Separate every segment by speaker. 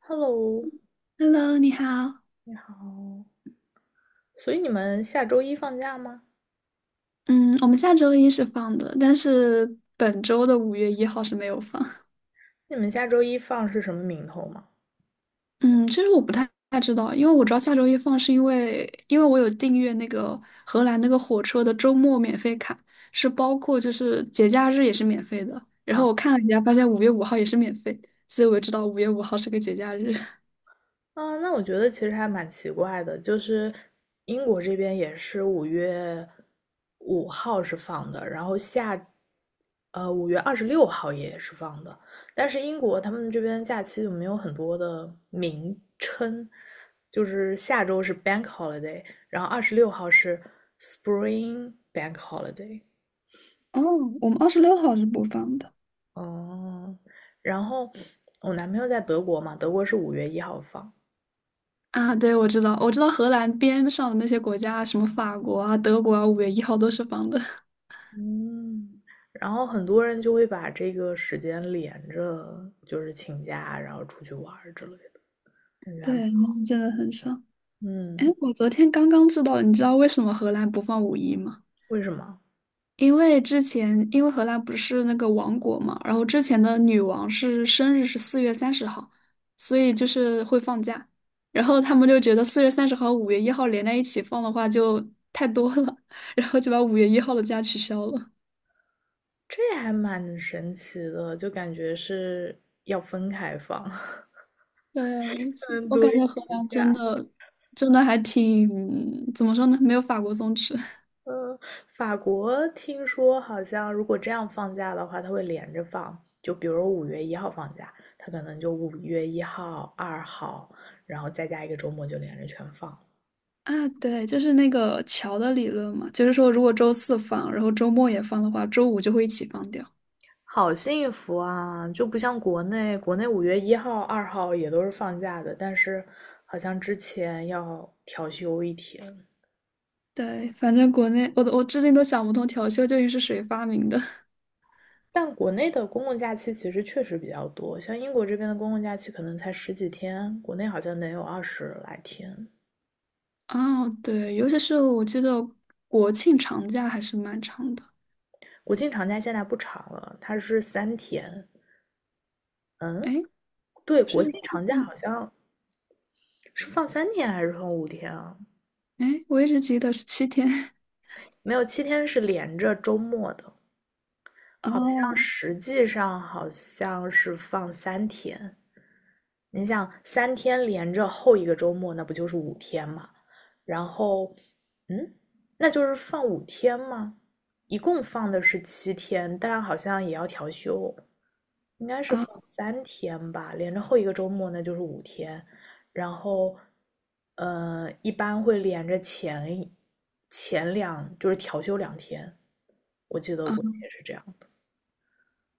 Speaker 1: Hello，
Speaker 2: Hello，你好。
Speaker 1: 你好，所以你们下周一放假吗？
Speaker 2: 嗯，我们下周一是放的，但是本周的五月一号是没有放。
Speaker 1: 你们下周一放是什么名头吗？
Speaker 2: 嗯，其实我不太知道，因为我知道下周一放是因为我有订阅那个荷兰那个火车的周末免费卡，是包括就是节假日也是免费的。然后
Speaker 1: 啊，
Speaker 2: 我看了一下，发现五月五号也是免费，所以我就知道五月五号是个节假日。
Speaker 1: 那我觉得其实还蛮奇怪的，就是英国这边也是5月5号是放的，然后下，5月26号也是放的，但是英国他们这边假期就没有很多的名称，就是下周是 Bank Holiday，然后二十六号是 Spring Bank Holiday。
Speaker 2: 哦，我们26号是不放的。
Speaker 1: 哦，然后我男朋友在德国嘛，德国是五月一号放，
Speaker 2: 啊，对，我知道，我知道荷兰边上的那些国家，什么法国啊、德国啊，五月一号都是放的。
Speaker 1: 嗯，然后很多人就会把这个时间连着，就是请假，然后出去玩儿之类的，感觉还蛮，
Speaker 2: 对，那真的很少。哎，
Speaker 1: 嗯，
Speaker 2: 我昨天刚刚知道，你知道为什么荷兰不放五一吗？
Speaker 1: 为什么？
Speaker 2: 因为之前，因为荷兰不是那个王国嘛，然后之前的女王生日是四月三十号，所以就是会放假。然后他们就觉得四月三十号、五月一号连在一起放的话就太多了，然后就把5月1号的假取消了。
Speaker 1: 这还蛮神奇的，就感觉是要分开放，
Speaker 2: 对，是
Speaker 1: 才能
Speaker 2: 我
Speaker 1: 多
Speaker 2: 感觉荷
Speaker 1: 一个
Speaker 2: 兰
Speaker 1: 假。
Speaker 2: 真的还挺，怎么说呢？没有法国松弛。
Speaker 1: 呃，法国听说好像如果这样放假的话，它会连着放，就比如五月一号放假，它可能就五月一号、二号，然后再加一个周末就连着全放，
Speaker 2: 啊，对，就是那个桥的理论嘛，就是说如果周四放，然后周末也放的话，周五就会一起放掉。
Speaker 1: 好幸福啊！就不像国内，国内五月一号、二号也都是放假的，但是好像之前要调休一天。
Speaker 2: 对，反正国内我至今都想不通调休究竟是谁发明的。
Speaker 1: 但国内的公共假期其实确实比较多，像英国这边的公共假期可能才十几天，国内好像能有二十来天。
Speaker 2: 哦，对，尤其是我记得国庆长假还是蛮长的，
Speaker 1: 国庆长假现在不长了，它是三天。
Speaker 2: 哎，
Speaker 1: 嗯，对，国
Speaker 2: 是，
Speaker 1: 庆长假好
Speaker 2: 嗯，
Speaker 1: 像是放三天还是放五天啊？
Speaker 2: 哎，我一直记得是7天。
Speaker 1: 没有，七天是连着周末的，好像
Speaker 2: 哦，
Speaker 1: 实际上好像是放三天。你想三天连着后一个周末，那不就是五天嘛？然后，嗯，那就是放五天吗？一共放的是七天，但好像也要调休，应该是
Speaker 2: 啊
Speaker 1: 放三天吧，连着后一个周末那就是五天。然后，一般会连着前两，就是调休两天，我记得
Speaker 2: 啊，
Speaker 1: 过也是这样的。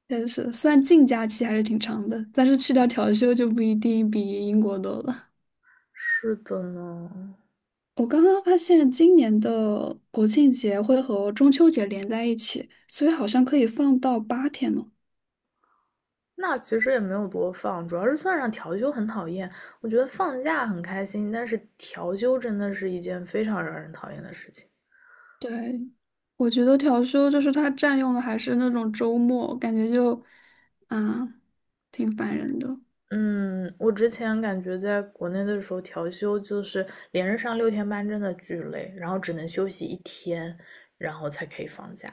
Speaker 2: 确实是，虽然净假期还是挺长的，但是去掉调休就不一定比英国多了。
Speaker 1: 是的呢。
Speaker 2: 我刚刚发现今年的国庆节会和中秋节连在一起，所以好像可以放到8天呢。
Speaker 1: 那其实也没有多放，主要是算上调休很讨厌。我觉得放假很开心，但是调休真的是一件非常让人讨厌的事情。
Speaker 2: 对，我觉得调休就是它占用的还是那种周末，感觉就，啊，挺烦人的。
Speaker 1: 嗯，我之前感觉在国内的时候，调休就是连着上六天班，真的巨累，然后只能休息一天，然后才可以放假，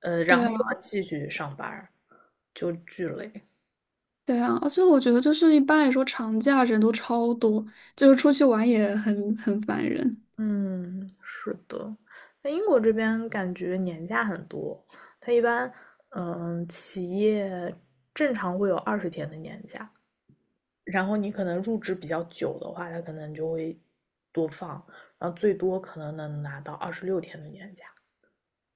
Speaker 1: 然
Speaker 2: 对
Speaker 1: 后
Speaker 2: 啊，
Speaker 1: 又要继续上班就巨累。
Speaker 2: 对啊，而且我觉得就是一般来说长假人都超多，就是出去玩也很烦人。
Speaker 1: 嗯，是的，在英国这边感觉年假很多，它一般，嗯，企业正常会有20天的年假，然后你可能入职比较久的话，它可能就会多放，然后最多可能能拿到26天的年假。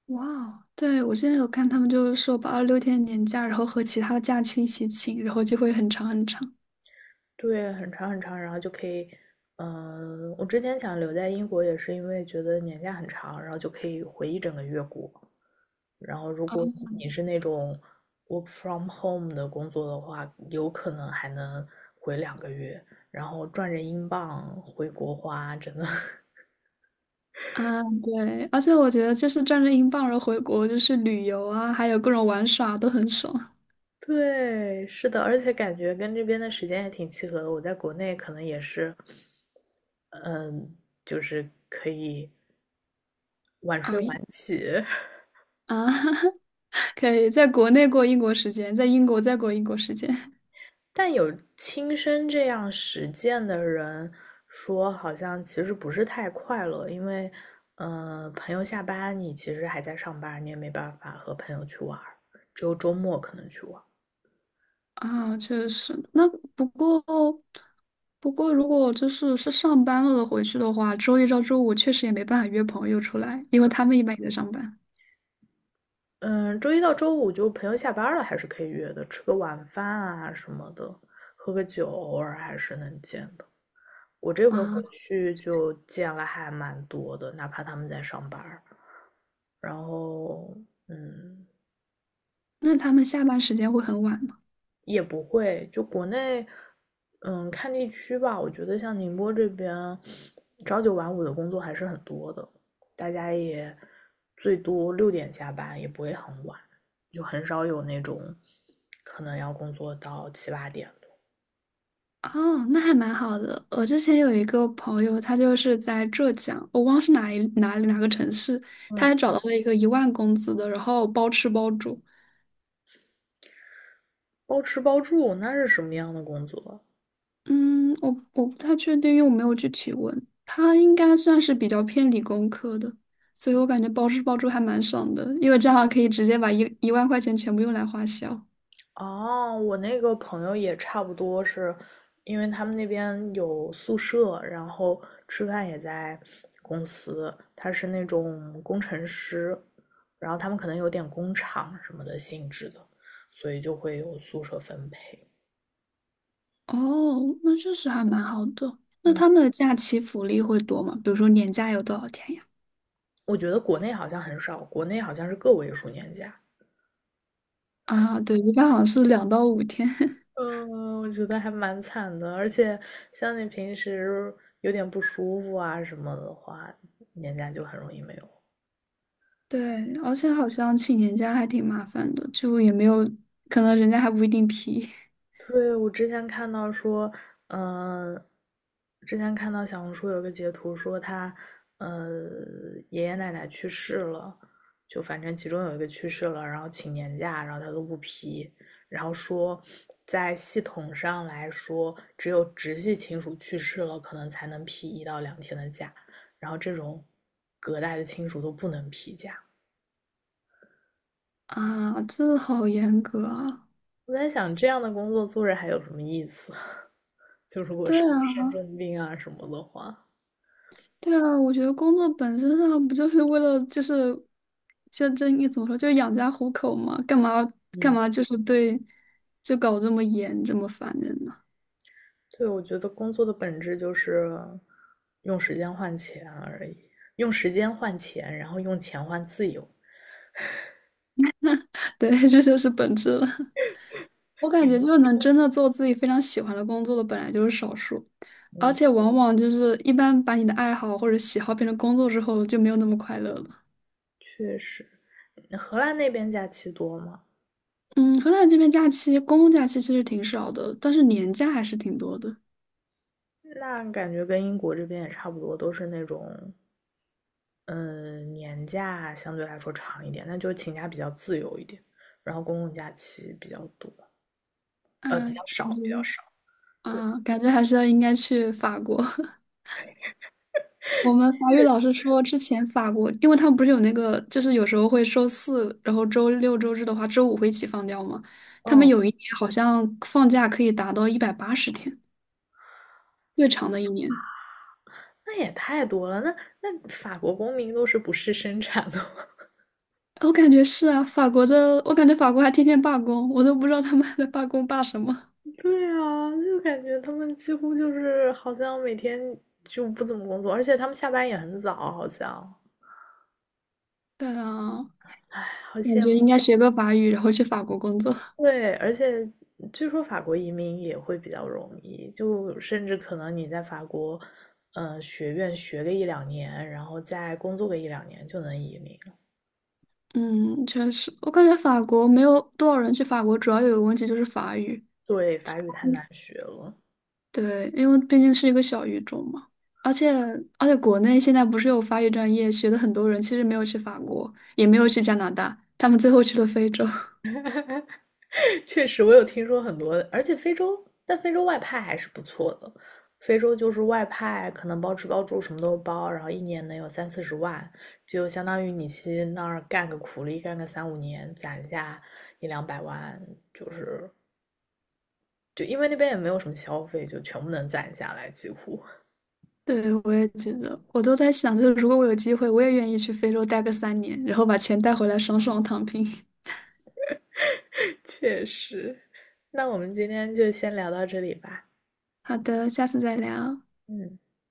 Speaker 2: 哇哦，对，我之前有看他们就是说把二六天年假，然后和其他的假期一起请，然后就会很长很长。
Speaker 1: 对，很长很长，然后就可以，嗯，我之前想留在英国也是因为觉得年假很长，然后就可以回一整个月国。然后如果你是那种 work from home 的工作的话，有可能还能回2个月，然后赚着英镑回国花，真的
Speaker 2: 啊，对，而且我觉得就是赚着英镑，然后回国就是旅游啊，还有各种玩耍都很爽。
Speaker 1: 对，是的，而且感觉跟这边的时间也挺契合的。我在国内可能也是，嗯，就是可以晚睡
Speaker 2: 熬夜
Speaker 1: 晚起，
Speaker 2: 啊，可以在国内过英国时间，在英国再过英国时间
Speaker 1: 但有亲身这样实践的人说，好像其实不是太快乐，朋友下班你其实还在上班，你也没办法和朋友去玩儿只有周末可能去玩。
Speaker 2: 啊，确实。那不过不过，如果就是上班了的回去的话，周一到周五确实也没办法约朋友出来，因为他们一般也在上班
Speaker 1: 嗯，周一到周五就朋友下班了，还是可以约的，吃个晚饭啊什么的，喝个酒，偶尔还是能见的。我这回回
Speaker 2: 啊。
Speaker 1: 去就见了还蛮多的，哪怕他们在上班儿然后，嗯，
Speaker 2: 那他们下班时间会很晚
Speaker 1: 也不会，就国内，嗯，看地区吧。我觉得像宁波这边，朝九晚五的工作还是很多的，大家也最多6点下班，也不会很晚，就很少有那种可能要工作到七八点的。
Speaker 2: 哦，那还蛮好的。我之前有一个朋友，他就是在浙江，我忘是哪一哪里哪个城市，他
Speaker 1: 嗯，
Speaker 2: 还找到了一个一万工资的，然后包吃包住。
Speaker 1: 包吃包住那是什么样的工作？
Speaker 2: 嗯，我不太确定，因为我没有具体问。他应该算是比较偏理工科的，所以我感觉包吃包住还蛮爽的，因为这样可以直接把一万块钱全部用来花销。
Speaker 1: 哦，我那个朋友也差不多是，因为他们那边有宿舍，然后吃饭也在公司，他是那种工程师，然后他们可能有点工厂什么的性质的，所以就会有宿舍分配。
Speaker 2: 哦，那确实还蛮好的。那
Speaker 1: 嗯，
Speaker 2: 他们的假期福利会多吗？比如说年假有多少天呀？
Speaker 1: 我觉得国内好像很少，国内好像是个位数年假。
Speaker 2: 啊，对，一般好像是2到5天。
Speaker 1: 嗯，我觉得还蛮惨的，而且像你平时有点不舒服啊什么的话，年假就很容易没有。
Speaker 2: 对，而且好像请年假还挺麻烦的，就也没有，可能人家还不一定批。
Speaker 1: 对，我之前看到说，呃，之前看到小红书有个截图说他，呃，爷爷奶奶去世了，就反正其中有一个去世了，然后请年假，然后他都不批，然后说在系统上来说，只有直系亲属去世了，可能才能批1到2天的假，然后这种隔代的亲属都不能批假，
Speaker 2: 啊，这好严格啊。
Speaker 1: 我在想，这样的工作做着还有什么意思？就如果
Speaker 2: 对
Speaker 1: 生
Speaker 2: 啊，
Speaker 1: 重病啊什么的话，
Speaker 2: 对啊，我觉得工作本身上不就是为了就是就这应该怎么说，就养家糊口嘛，干嘛干
Speaker 1: 嗯，
Speaker 2: 嘛就是对，就搞这么严这么烦人呢？
Speaker 1: 对，我觉得工作的本质就是用时间换钱而已，用时间换钱，然后用钱换自由。
Speaker 2: 对，这就是本质了。我感觉就是能真的做自己非常喜欢的工作的，本来就是少数，而
Speaker 1: 嗯，
Speaker 2: 且往往就是一般把你的爱好或者喜好变成工作之后，就没有那么快乐了。
Speaker 1: 确实，荷兰那边假期多吗？
Speaker 2: 嗯，荷兰这边假期，公共假期其实挺少的，但是年假还是挺多的。
Speaker 1: 那感觉跟英国这边也差不多，都是那种，嗯，年假相对来说长一点，那就请假比较自由一点，然后公共假期比较多。
Speaker 2: 哎，
Speaker 1: 比较
Speaker 2: 嗯
Speaker 1: 少，比较 少。对，
Speaker 2: 啊，感觉还是要应该去法国。我们法语老师说，之前法国，因为他们不是有那个，就是有时候会周四，然后周六周日的话，周五会一起放掉嘛。他们
Speaker 1: 哦，
Speaker 2: 有一年好像放假可以达到180天。越长的一年。
Speaker 1: 那也太多了。那法国公民都是不是生产的吗？
Speaker 2: 我感觉是啊，法国的，我感觉法国还天天罢工，我都不知道他们还在罢工罢什么。
Speaker 1: 对啊，就感觉他们几乎就是好像每天就不怎么工作，而且他们下班也很早，好像
Speaker 2: 对啊，
Speaker 1: 好
Speaker 2: 感
Speaker 1: 像
Speaker 2: 觉应该学个法语，然后去法国工作。
Speaker 1: 对，而且据说法国移民也会比较容易，就甚至可能你在法国，学院学个一两年，然后再工作个一两年就能移民了
Speaker 2: 嗯，确实，我感觉法国没有多少人去法国，主要有个问题就是法语。
Speaker 1: 对，法语太难学了。
Speaker 2: 对，因为毕竟是一个小语种嘛，而且而且国内现在不是有法语专业，学的很多人其实没有去法国，也没有去加拿大，他们最后去了非洲。
Speaker 1: 确实，我有听说很多，而且非洲，但非洲外派还是不错的。非洲就是外派，可能包吃包住什么都包，然后一年能有三四十万，就相当于你去那儿干个苦力，干个三五年，攒下一两百万，就是就因为那边也没有什么消费，就全部能攒下来，几乎。
Speaker 2: 对，我也觉得，我都在想，就是如果我有机会，我也愿意去非洲待个3年，然后把钱带回来，爽爽躺平。
Speaker 1: 确实，那我们今天就先聊到这里吧。
Speaker 2: 好的，下次再聊。
Speaker 1: 嗯。